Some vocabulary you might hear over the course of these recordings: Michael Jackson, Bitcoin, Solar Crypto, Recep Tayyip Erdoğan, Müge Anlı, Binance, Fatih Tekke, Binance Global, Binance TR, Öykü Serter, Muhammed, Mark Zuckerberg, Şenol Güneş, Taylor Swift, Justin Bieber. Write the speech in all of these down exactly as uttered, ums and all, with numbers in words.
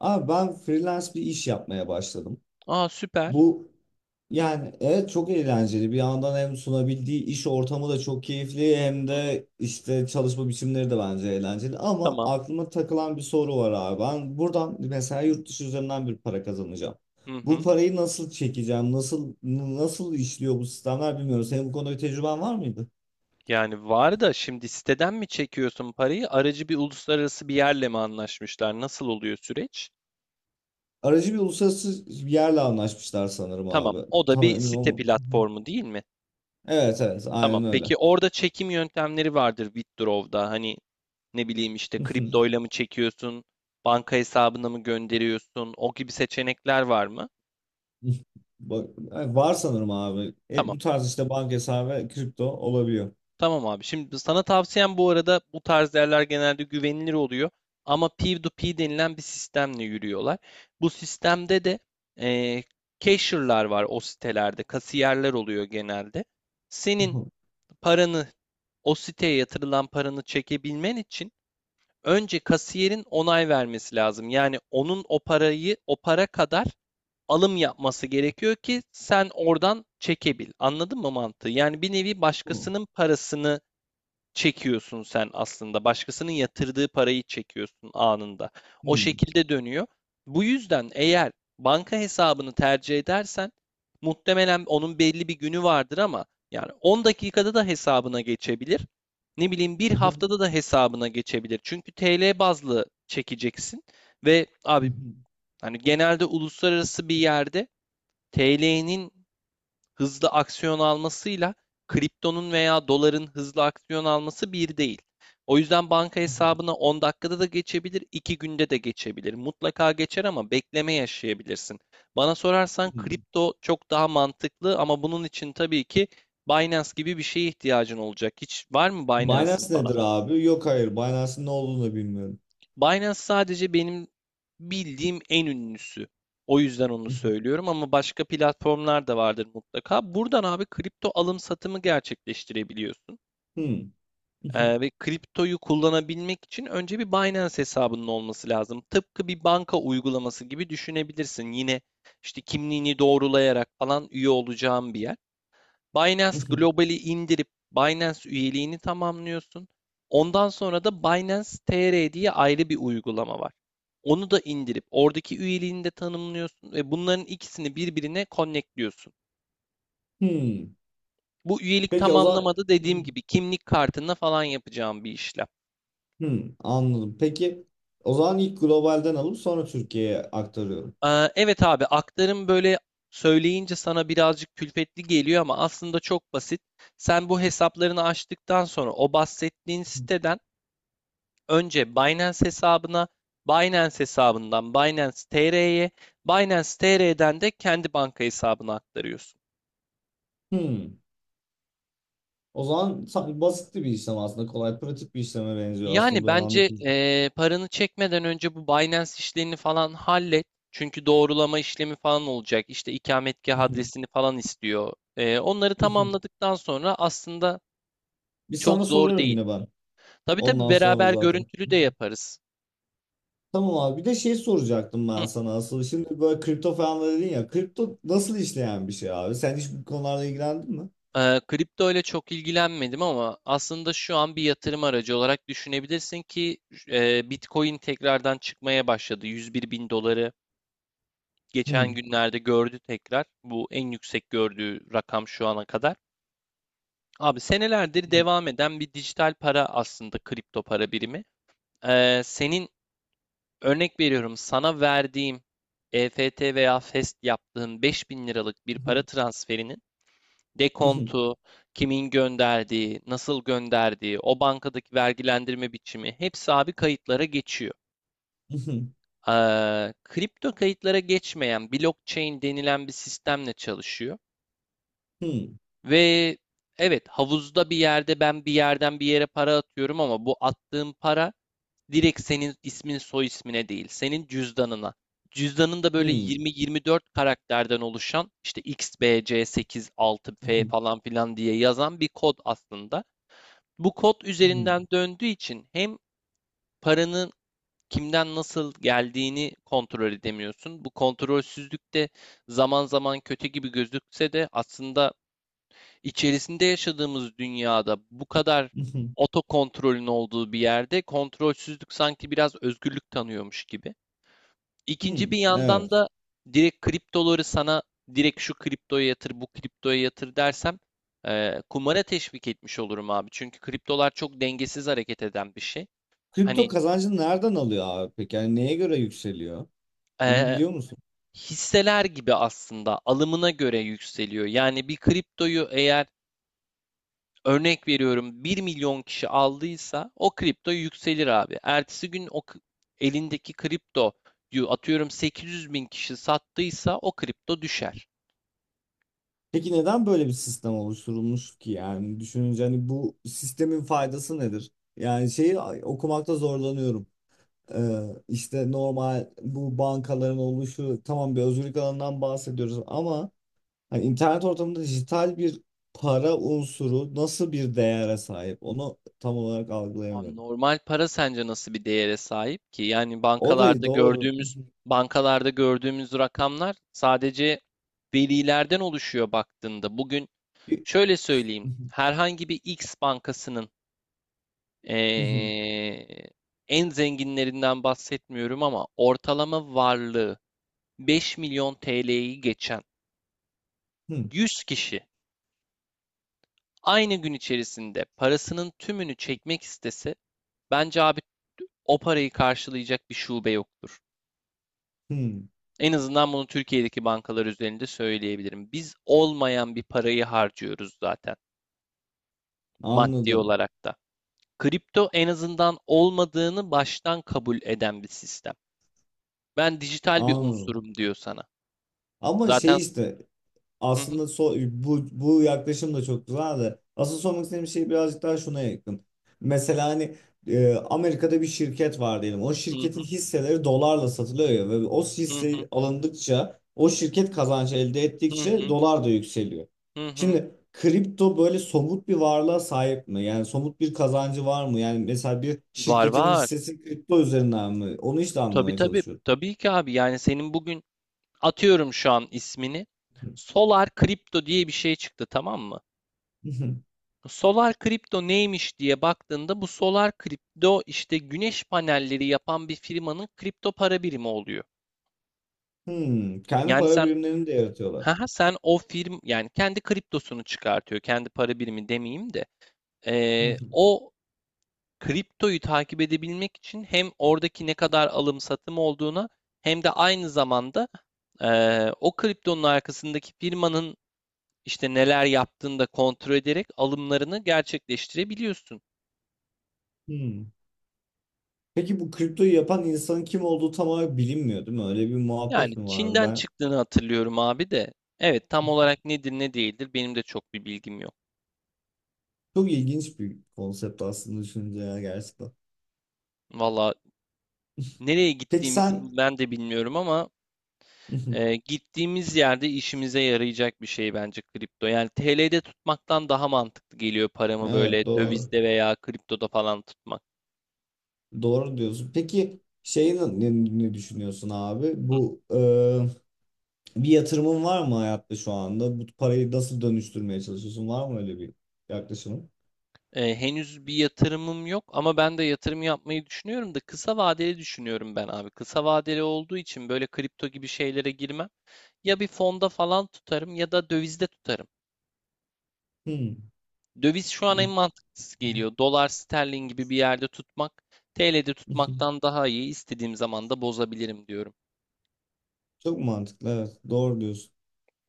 Abi ben freelance bir iş yapmaya başladım. Aa süper. Bu yani evet çok eğlenceli. Bir yandan hem sunabildiği iş ortamı da çok keyifli hem Hı hı, de işte çalışma biçimleri de bence eğlenceli. Ama tamam. aklıma takılan bir soru var abi. Ben buradan mesela yurt dışı üzerinden bir para kazanacağım. Hı Bu hı. parayı nasıl çekeceğim? Nasıl nasıl işliyor bu sistemler bilmiyorum. Senin bu konuda bir tecrüben var mıydı? Yani var da şimdi siteden mi çekiyorsun parayı? Aracı bir uluslararası bir yerle mi anlaşmışlar? Nasıl oluyor süreç? Aracı bir uluslararası bir yerle anlaşmışlar sanırım Tamam. abi. O da Tam bir emin site olmadım. platformu değil mi? Evet, evet, Tamam. aynen öyle. Peki orada çekim yöntemleri vardır Withdraw'da. Hani ne bileyim işte kriptoyla mı çekiyorsun? Banka hesabına mı gönderiyorsun? O gibi seçenekler var mı? Bak, yani var sanırım abi. E, Tamam. Bu tarz işte banka hesabı ve kripto olabiliyor. Tamam abi. Şimdi sana tavsiyem bu arada bu tarz yerler genelde güvenilir oluyor. Ama P iki P denilen bir sistemle yürüyorlar. Bu sistemde de eee cashier'lar var o sitelerde. Kasiyerler oluyor genelde. Senin Aha, paranı o siteye yatırılan paranı çekebilmen için önce kasiyerin onay vermesi lazım. Yani onun o parayı o para kadar alım yapması gerekiyor ki sen oradan çekebil. Anladın mı mantığı? Yani bir nevi hı, başkasının parasını çekiyorsun sen aslında. Başkasının yatırdığı parayı çekiyorsun anında. O hı, şekilde dönüyor. Bu yüzden eğer banka hesabını tercih edersen muhtemelen onun belli bir günü vardır ama yani on dakikada da hesabına geçebilir. Ne bileyim bir aha, haftada da hesabına geçebilir. Çünkü T L bazlı çekeceksin ve hı, abi hı, hani genelde uluslararası bir yerde T L'nin hızlı aksiyon almasıyla kriptonun veya doların hızlı aksiyon alması bir değil. O yüzden banka aha, hesabına on dakikada da geçebilir, iki günde de geçebilir. Mutlaka geçer ama bekleme yaşayabilirsin. Bana sorarsan hı. kripto çok daha mantıklı ama bunun için tabii ki Binance gibi bir şeye ihtiyacın olacak. Hiç var mı Binance Binance'in falan? nedir abi? Yok, hayır. Binance'ın ne olduğunu da bilmiyorum. Binance sadece benim bildiğim en ünlüsü. O yüzden onu Hı, söylüyorum ama başka platformlar da vardır mutlaka. Buradan abi kripto alım satımı gerçekleştirebiliyorsun. hmm, hı, hı, Ee, ve kriptoyu kullanabilmek için önce bir Binance hesabının olması lazım. Tıpkı bir banka uygulaması gibi düşünebilirsin. Yine işte kimliğini doğrulayarak falan üye olacağın bir yer. Binance hı, hı, Global'i indirip Binance üyeliğini tamamlıyorsun. Ondan sonra da Binance T R diye ayrı bir uygulama var. Onu da indirip oradaki üyeliğini de tanımlıyorsun ve bunların ikisini birbirine connectliyorsun. hmm. Bu üyelik Peki o zaman, tamamlamada hı, hı, dediğim gibi kimlik kartına falan yapacağım bir işlem. hmm, anladım. Peki o zaman ilk globalden alıp sonra Türkiye'ye aktarıyorum. Ee, evet abi, aktarım böyle söyleyince sana birazcık külfetli geliyor ama aslında çok basit. Sen bu hesaplarını açtıktan sonra o bahsettiğin Hı. siteden önce Binance hesabına, Binance hesabından Binance T R'ye, Binance T R'den de kendi banka hesabına aktarıyorsun. O zaman sa- basitti bir işlem aslında. Kolay, pratik bir işleme benziyor aslında Yani böyle bence anlatınca. eee, paranı çekmeden önce bu Binance işlerini falan hallet. Çünkü doğrulama işlemi falan olacak. İşte ikametgah adresini falan istiyor. Eee, onları tamamladıktan sonra aslında Bir çok sana zor sorarım değil. yine ben. Tabii tabii, Ondan sonra beraber zaten. görüntülü de yaparız. Tamam abi. Bir de şey soracaktım ben Hı. sana asıl. Şimdi böyle kripto falan da dedin ya. Kripto nasıl işleyen bir şey abi? Sen hiç bu konularla ilgilendin mi? Eee, kripto ile çok ilgilenmedim ama aslında şu an bir yatırım aracı olarak düşünebilirsin ki eee, Bitcoin tekrardan çıkmaya başladı. 101 bin doları geçen Hmm. günlerde gördü tekrar. Bu en yüksek gördüğü rakam şu ana kadar. Abi senelerdir devam eden bir dijital para aslında kripto para birimi. Eee, senin, örnek veriyorum, sana verdiğim E F T veya FEST yaptığın beş bin liralık bir para transferinin dekontu, kimin gönderdiği, nasıl gönderdiği, o bankadaki vergilendirme biçimi hepsi abi kayıtlara geçiyor. Eee, kripto kayıtlara geçmeyen blockchain denilen bir sistemle çalışıyor ve evet, havuzda bir yerde ben bir yerden bir yere para atıyorum ama bu attığım para direkt senin ismin soy ismine değil, senin cüzdanına. Cüzdanın da böyle yirmi yirmi dört karakterden oluşan, işte X B C seksen altı F falan filan diye yazan bir kod aslında. Bu kod üzerinden döndüğü için hem paranın kimden nasıl geldiğini kontrol edemiyorsun. Bu kontrolsüzlük de zaman zaman kötü gibi gözükse de aslında içerisinde yaşadığımız dünyada bu kadar otokontrolün olduğu bir yerde kontrolsüzlük sanki biraz özgürlük tanıyormuş gibi. İkinci bir yandan Evet. da direkt kriptoları sana, direkt şu kriptoya yatır, bu kriptoya yatır dersem eee kumara teşvik etmiş olurum abi. Çünkü kriptolar çok dengesiz hareket eden bir şey. Kripto Hani kazancını nereden alıyor abi peki? Yani neye göre yükseliyor? Bunu eee, biliyor musun? hisseler gibi aslında alımına göre yükseliyor. Yani bir kriptoyu eğer, örnek veriyorum, bir milyon kişi aldıysa o kripto yükselir abi. Ertesi gün o elindeki kripto, atıyorum, 800 bin kişi sattıysa o kripto düşer. Peki neden böyle bir sistem oluşturulmuş ki? Yani düşününce hani bu sistemin faydası nedir? Yani şeyi okumakta zorlanıyorum. Ee, işte normal bu bankaların oluşu tamam, bir özgürlük alanından bahsediyoruz ama hani internet ortamında dijital bir para unsuru nasıl bir değere sahip onu tam olarak Abi algılayamıyorum. normal para sence nasıl bir değere sahip ki? Yani O da bankalarda doğru. gördüğümüz bankalarda gördüğümüz rakamlar sadece verilerden oluşuyor baktığında. Bugün şöyle söyleyeyim: herhangi bir X bankasının eee, en zenginlerinden bahsetmiyorum ama ortalama varlığı beş milyon T L'yi geçen Hmm, yüz kişi aynı gün içerisinde parasının tümünü çekmek istese, bence abi o parayı karşılayacak bir şube yoktur. hmm. En azından bunu Türkiye'deki bankalar üzerinde söyleyebilirim. Biz olmayan bir parayı harcıyoruz zaten, maddi Anladım. olarak da. Kripto en azından olmadığını baştan kabul eden bir sistem. Ben dijital bir Anladım. unsurum diyor sana. Ama Zaten. şey işte, Hı hı, aslında so bu, bu, yaklaşım da çok güzel de asıl sormak istediğim şey birazcık daha şuna yakın. Mesela hani e, Amerika'da bir şirket var diyelim. O hı hı, şirketin hisseleri dolarla satılıyor ya ve o hı hı, hisse alındıkça o şirket kazancı elde hı ettikçe hı. dolar da yükseliyor. Şimdi kripto böyle somut bir varlığa sahip mi? Yani somut bir kazancı var mı? Yani mesela bir Var şirketin var. hissesi kripto üzerinden mi? Onu işte Tabii anlamaya tabii. çalışıyorum. Tabii ki abi. Yani senin bugün, atıyorum şu an ismini, Solar Crypto diye bir şey çıktı, tamam mı? Solar Crypto neymiş diye baktığında bu Solar Crypto işte güneş panelleri yapan bir firmanın kripto para birimi oluyor. Hmm, kendi Yani para sen birimlerini de yaratıyorlar. haha, sen o firm, yani kendi kriptosunu çıkartıyor. Kendi para birimi demeyeyim de. Ee, o kriptoyu takip edebilmek için hem oradaki ne kadar alım satım olduğuna hem de aynı zamanda eee, o kriptonun arkasındaki firmanın işte neler yaptığını da kontrol ederek alımlarını gerçekleştirebiliyorsun. Hmm. Peki bu kriptoyu yapan insanın kim olduğu tam olarak bilinmiyor değil mi? Öyle bir Yani muhabbet mi vardı? Çin'den Ben çıktığını hatırlıyorum abi de. Evet, tam olarak nedir ne değildir benim de çok bir bilgim yok. çok ilginç bir konsept aslında düşününce ya gerçekten. Valla nereye Peki gittiğimizi sen, ben de bilmiyorum ama e, gittiğimiz yerde işimize yarayacak bir şey bence kripto. Yani T L'de tutmaktan daha mantıklı geliyor, paramı böyle evet, doğru. dövizde veya kriptoda falan tutmak. Doğru diyorsun. Peki şeyi ne, ne düşünüyorsun abi? Bu e, bir yatırımın var mı hayatta şu anda? Bu parayı nasıl dönüştürmeye çalışıyorsun? Var mı öyle bir yaklaşımın? Eee, henüz bir yatırımım yok ama ben de yatırım yapmayı düşünüyorum da kısa vadeli düşünüyorum ben abi. Kısa vadeli olduğu için böyle kripto gibi şeylere girmem. Ya bir fonda falan tutarım ya da dövizde tutarım. Hmm. Döviz şu an en mantıklısı geliyor. Dolar, sterlin gibi bir yerde tutmak, T L'de tutmaktan daha iyi. İstediğim zaman da bozabilirim diyorum. Çok mantıklı, evet. Doğru diyorsun.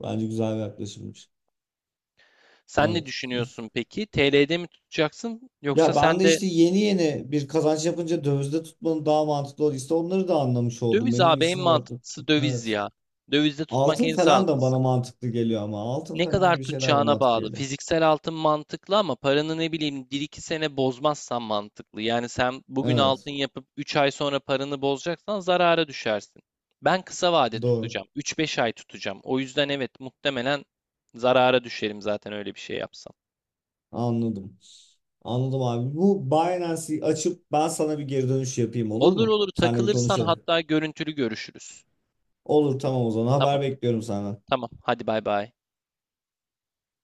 Bence güzel bir yaklaşımmış. Sen ne Evet. düşünüyorsun peki? T L'de mi tutacaksın yoksa Ya ben sen de de işte yeni yeni bir kazanç yapınca dövizde tutmanın daha mantıklı olduğu, işte onları da anlamış oldum. döviz? Benim Abi en için oldu. mantıklısı döviz Evet. ya. Dövizde tutmak Altın en falan da sağlıklısı. bana mantıklı geliyor ama altın Ne falan kadar gibi şeyler de tutacağına mantıklı bağlı. geliyor. Fiziksel altın mantıklı ama paranı ne bileyim bir iki sene bozmazsan mantıklı. Yani sen bugün altın Evet. yapıp üç ay sonra paranı bozacaksan zarara düşersin. Ben kısa vade Doğru. tutacağım. Üç beş ay tutacağım. O yüzden evet, muhtemelen zarara düşerim zaten öyle bir şey yapsam. Anladım. Anladım abi. Bu Binance'i açıp ben sana bir geri dönüş yapayım, olur Olur mu? olur, Seninle bir takılırsan konuşalım. hatta görüntülü görüşürüz. Olur, tamam o zaman. Tamam Haber bekliyorum senden. tamam, hadi bay bay.